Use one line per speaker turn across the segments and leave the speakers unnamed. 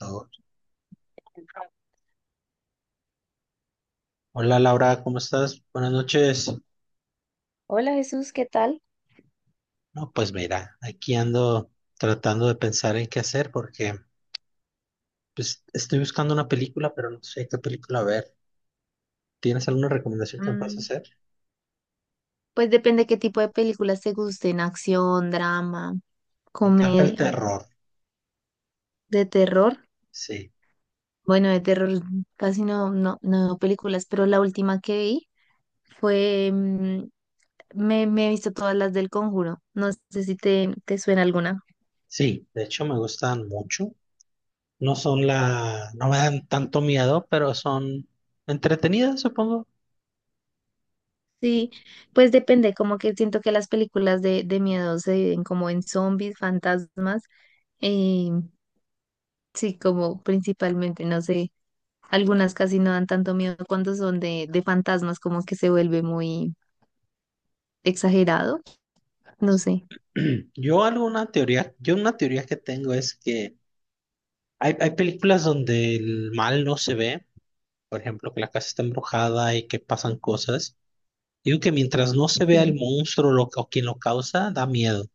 Oh, hola Laura, ¿cómo estás? Buenas noches.
Hola Jesús, ¿qué tal?
No, pues mira, aquí ando tratando de pensar en qué hacer porque pues estoy buscando una película, pero no sé qué película ver. ¿Tienes alguna recomendación que me puedas
Mm,
hacer?
Pues depende qué tipo de películas te gusten, acción, drama,
Me encanta el
comedia,
terror.
de terror.
Sí,
Bueno, de terror casi no veo películas, pero la última que vi fue, me he visto todas las del Conjuro. No sé si te suena alguna.
sí, de hecho me gustan mucho. No me dan tanto miedo, pero son entretenidas, supongo.
Sí, pues depende, como que siento que las películas de miedo se dividen como en zombies, fantasmas, eh, sí, como principalmente, no sé. Algunas casi no dan tanto miedo cuando son de fantasmas, como que se vuelve muy exagerado. No sé.
Yo una teoría que tengo es que hay películas donde el mal no se ve, por ejemplo, que la casa está embrujada y que pasan cosas. Digo que mientras no se vea el
Sí,
monstruo o quien lo causa, da miedo.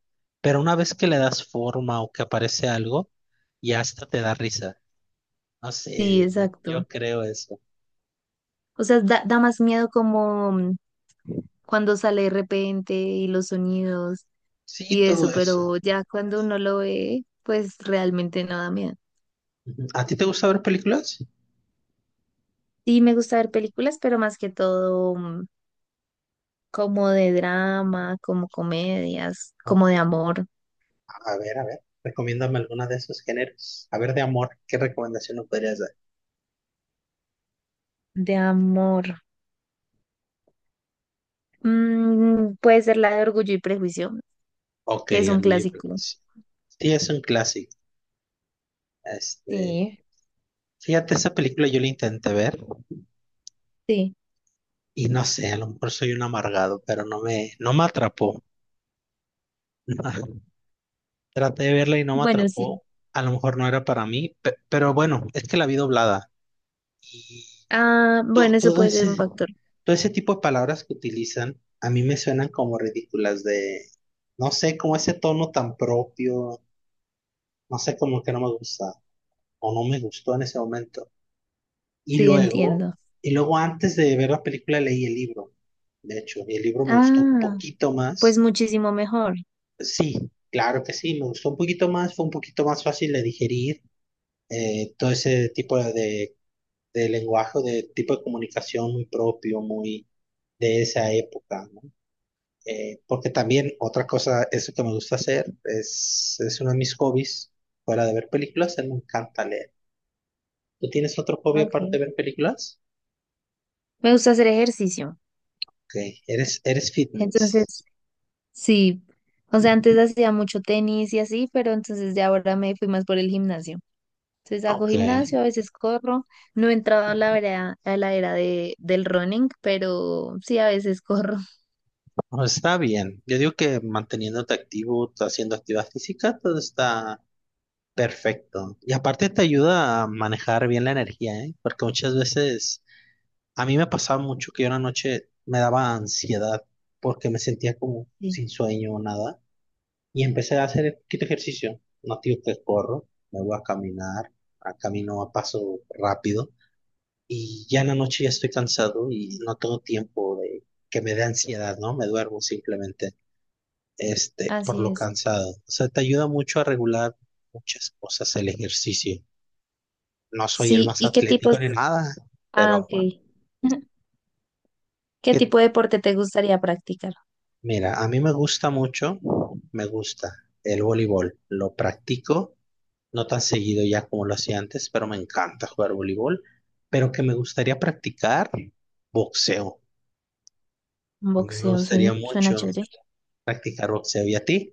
Pero una vez que le das forma o que aparece algo, ya hasta te da risa. No
sí,
sé,
exacto.
yo creo eso.
O sea, da más miedo como cuando sale de repente y los sonidos
Sí,
y
todo
eso,
eso.
pero ya cuando uno lo ve, pues realmente no da miedo.
Ujú. ¿A ti te gusta ver películas?
Sí, me gusta ver películas, pero más que todo como de drama, como comedias,
Ok,
como de amor,
a ver, a ver. Recomiéndame alguna de esos géneros. A ver, de amor, ¿qué recomendación nos podrías dar?
de amor. Puede ser la de Orgullo y Prejuicio,
Ok,
que es un
Orgullo y
clásico.
Prejuicio. Sí, es un clásico. Este,
Sí,
fíjate, esa película yo la intenté ver.
sí.
Y no sé, a lo mejor soy un amargado, pero no me atrapó. Traté de verla y no me
Bueno, sí.
atrapó. A lo mejor no era para mí, pero bueno, es que la vi doblada. Y
Ah,
to-
bueno, eso
todo
puede ser
ese,
un factor.
todo ese tipo de palabras que utilizan a mí me suenan como ridículas, de no sé, como ese tono tan propio, no sé, como que no me gusta o no me gustó en ese momento. Y
Sí,
luego,
entiendo.
y luego antes de ver la película leí el libro. De hecho, y el libro me gustó un
Ah,
poquito
pues
más.
muchísimo mejor.
Sí, claro que sí, me gustó un poquito más, fue un poquito más fácil de digerir todo ese tipo de lenguaje, de tipo de comunicación muy propio, muy de esa época, ¿no? Porque también otra cosa, eso que me gusta hacer, es uno de mis hobbies, fuera de ver películas, a mí me encanta leer. ¿Tú tienes otro hobby aparte
Ok.
de ver películas?
Me gusta hacer ejercicio.
Ok, eres, eres fitness.
Entonces, sí. O sea, antes hacía mucho tenis y así, pero entonces de ahora me fui más por el gimnasio. Entonces hago
Ok,
gimnasio, a veces corro. No he entrado a la era del running, pero sí, a veces corro.
bueno, está bien. Yo digo que manteniéndote activo, haciendo actividad física, todo está perfecto. Y aparte te ayuda a manejar bien la energía, ¿eh? Porque muchas veces a mí me pasaba mucho que yo una noche me daba ansiedad porque me sentía como
Sí,
sin sueño o nada. Y empecé a hacer un poquito de ejercicio. No digo que corro, me voy a caminar, a camino a paso rápido. Y ya en la noche ya estoy cansado y no tengo tiempo de que me dé ansiedad, ¿no? Me duermo simplemente, este, por
así
lo
es.
cansado. O sea, te ayuda mucho a regular muchas cosas el ejercicio. No soy el
Sí,
más
¿y qué tipos?
atlético ni nada,
Ah,
pero
ok. ¿Qué
que,
tipo de deporte te gustaría practicar?
mira, a mí me gusta mucho, me gusta el voleibol. Lo practico, no tan seguido ya como lo hacía antes, pero me encanta jugar voleibol. Pero que me gustaría practicar boxeo. A mí me
Boxeo, sí,
gustaría
suena
mucho
chévere.
practicar boxeo. ¿Y a ti?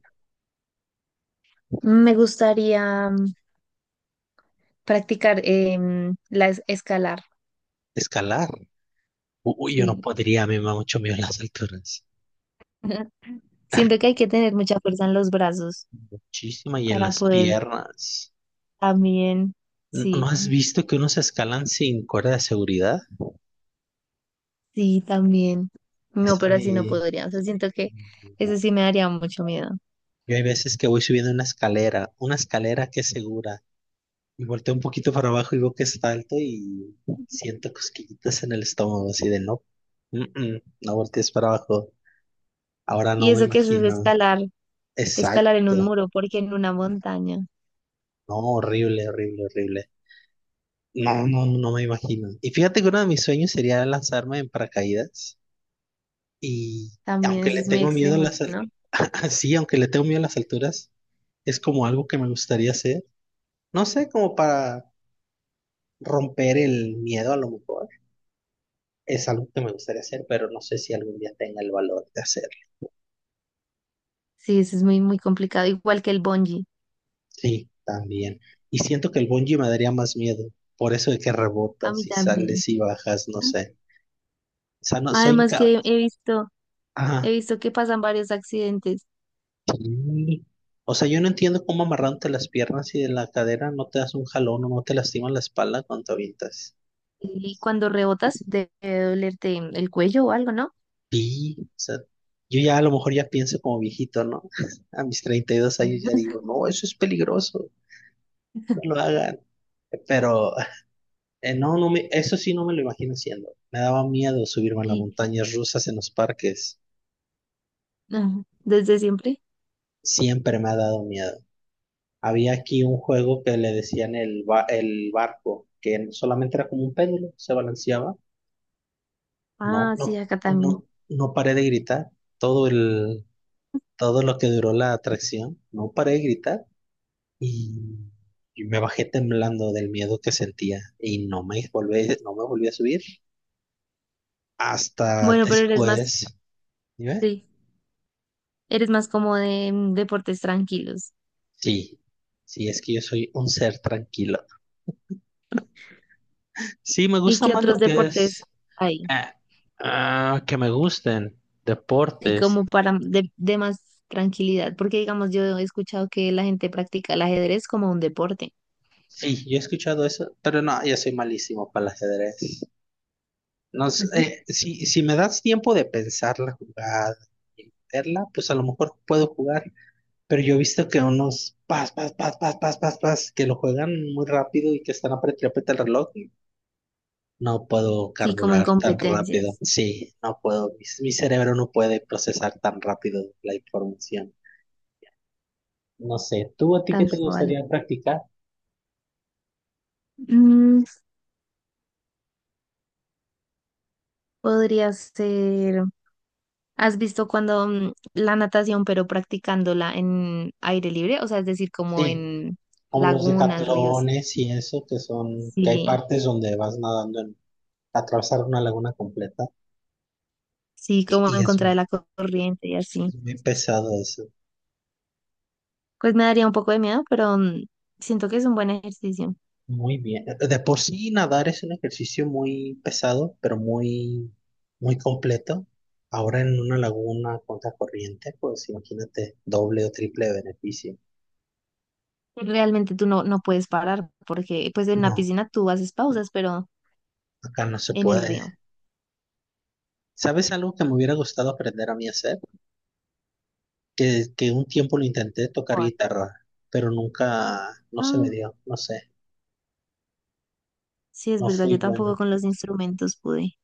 Me gustaría practicar escalar,
Escalar. Uy, yo no
sí.
podría, a mí me da mucho miedo las alturas.
Siento que hay que tener mucha fuerza en los brazos
Muchísima y en
para
las
poder
piernas.
también,
¿No
sí,
has visto que unos escalan sin cuerda de seguridad?
sí, también. No,
Eso a
pero así no
mí
podría. O sea, siento que eso
no.
sí me daría mucho miedo.
Yo hay veces que voy subiendo una escalera que es segura, y volteo un poquito para abajo y veo que está alto y siento cosquillitas en el estómago, así de no, no voltees para abajo. Ahora
Y
no me
eso que es
imagino.
escalar, escalar en un
Exacto.
muro, porque en una montaña
No, horrible, horrible, horrible. No, no, no me imagino. Y fíjate que uno de mis sueños sería lanzarme en paracaídas y,
también
aunque
eso
le
es muy
tengo miedo a
extremo,
las,
¿no?
sí, aunque le tengo miedo a las alturas, es como algo que me gustaría hacer. No sé, como para romper el miedo a lo mejor. Es algo que me gustaría hacer, pero no sé si algún día tenga el valor de hacerlo.
Sí, eso es muy, muy complicado. Igual que el bungee.
Sí, también. Y siento que el bungee me daría más miedo. Por eso de que
A mí
rebotas y
también.
sales y bajas, no sé. O sea, no, soy
Además
incapaz.
que
Ah,
he visto que pasan varios accidentes
sí. O sea, yo no entiendo cómo amarrándote las piernas y de la cadera no te das un jalón o no te lastimas la espalda cuando te avientas.
y cuando rebotas debe dolerte el cuello o algo, ¿no?
Sí, o sea, yo ya a lo mejor ya pienso como viejito, ¿no? A mis 32 años ya digo, no, eso es peligroso, no lo hagan. Pero eh, no, eso sí no me lo imagino haciendo. Me daba miedo subirme a las
Sí,
montañas rusas en los parques.
ajá, desde siempre.
Siempre me ha dado miedo. Había aquí un juego que le decían el barco, que solamente era como un péndulo, se balanceaba. No,
Ah, sí,
no,
acá también.
no, no paré de gritar. Todo el, todo lo que duró la atracción, no paré de gritar. Y, y me bajé temblando del miedo que sentía. Y no me volví a subir hasta
Bueno, pero eres más,
después. ¿Sí ves?
sí, eres más como de deportes tranquilos.
Sí, sí, es que yo soy un ser tranquilo. Sí, me
¿Y
gusta
qué
más
otros
lo que es
deportes hay?
ah, ah, que me gusten
Y
deportes.
como para de más tranquilidad, porque digamos, yo he escuchado que la gente practica el ajedrez como un deporte.
Sí, yo he escuchado eso, pero no, yo soy malísimo para el ajedrez. No sé,
Ujú.
si me das tiempo de pensar la jugada y meterla, pues a lo mejor puedo jugar, pero yo he visto que unos pas, pas, pas, pas, pas, pas, pas, que lo juegan muy rápido y que están apretando el reloj. No puedo
Sí, como en
carburar tan rápido.
competencias,
Sí, no puedo. Mi cerebro no puede procesar tan rápido la información. No sé, ¿tú a ti qué
tal
te
cual.
gustaría practicar?
Mm, Podría ser, ¿has visto cuando la natación, pero practicándola en aire libre? O sea, es decir, como
Sí,
en
como los
lagunas, ríos.
decatlones y eso, que son, que hay
Sí,
partes donde vas nadando en, atravesar una laguna completa
sí, como
y
en contra de la corriente y así.
es muy pesado eso.
Pues me daría un poco de miedo, pero siento que es un buen ejercicio.
Muy bien. De por sí nadar es un ejercicio muy pesado, pero muy, muy completo. Ahora en una laguna contra corriente, pues imagínate doble o triple beneficio.
Y realmente tú no puedes parar, porque pues en la
No,
piscina tú haces pausas, pero
acá no se
en el
puede.
río.
¿Sabes algo que me hubiera gustado aprender a mí a hacer? Que un tiempo lo intenté tocar
Por-
guitarra, pero nunca, no se
Ah,
me dio, no sé,
sí, es
no
verdad,
fui
yo tampoco
bueno.
con los instrumentos pude.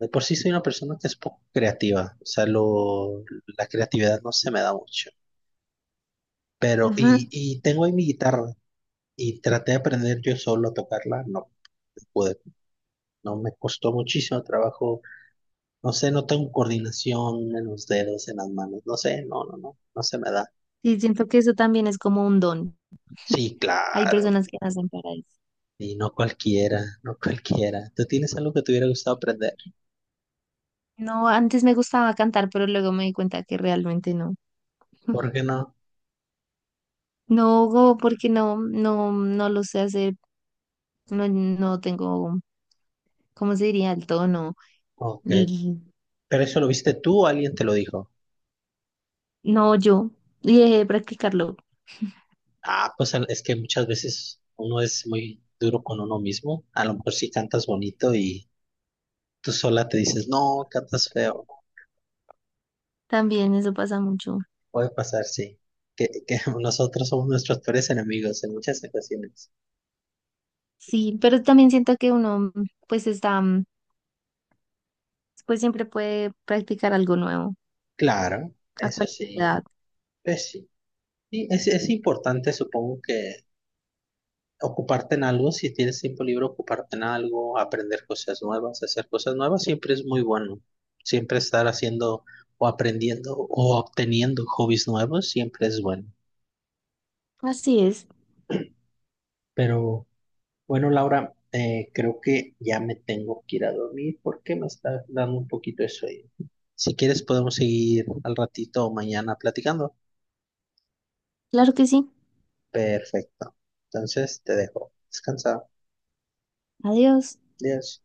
De por sí soy una persona que es poco creativa, o sea, la creatividad no se me da mucho. Pero,
Ajá.
y tengo ahí mi guitarra, y traté de aprender yo solo a tocarla, no pude, no me costó muchísimo trabajo, no sé, no tengo coordinación en los dedos, en las manos, no sé, no se me da.
Sí, siento que eso también es como un don.
Sí,
Hay
claro,
personas que nacen para eso.
y no cualquiera, no cualquiera. ¿Tú tienes algo que te hubiera gustado aprender?
No, antes me gustaba cantar, pero luego me di cuenta que realmente no.
¿Por qué no?
Porque no lo sé hacer, no tengo, ¿cómo se diría? El tono,
Ok,
l-
pero eso lo viste tú o alguien te lo dijo.
no yo, y dejé de practicarlo,
Ah, pues es que muchas veces uno es muy duro con uno mismo, a lo mejor si cantas bonito y tú sola te dices, no, cantas feo.
también eso pasa mucho,
Puede pasar, sí. Que nosotros somos nuestros peores enemigos en muchas ocasiones.
sí, pero también siento que uno, pues está, pues siempre puede practicar algo nuevo,
Claro,
a
eso
cualquier
sí,
edad,
pues sí. Y es importante, supongo que ocuparte en algo, si tienes tiempo libre, ocuparte en algo, aprender cosas nuevas, hacer cosas nuevas, siempre es muy bueno. Siempre estar haciendo o aprendiendo o obteniendo hobbies nuevos, siempre es bueno.
así es,
Pero bueno, Laura, creo que ya me tengo que ir a dormir porque me está dando un poquito de sueño. Si quieres, podemos seguir al ratito o mañana platicando.
claro que sí,
Perfecto. Entonces, te dejo. Descansa.
adiós.
Adiós.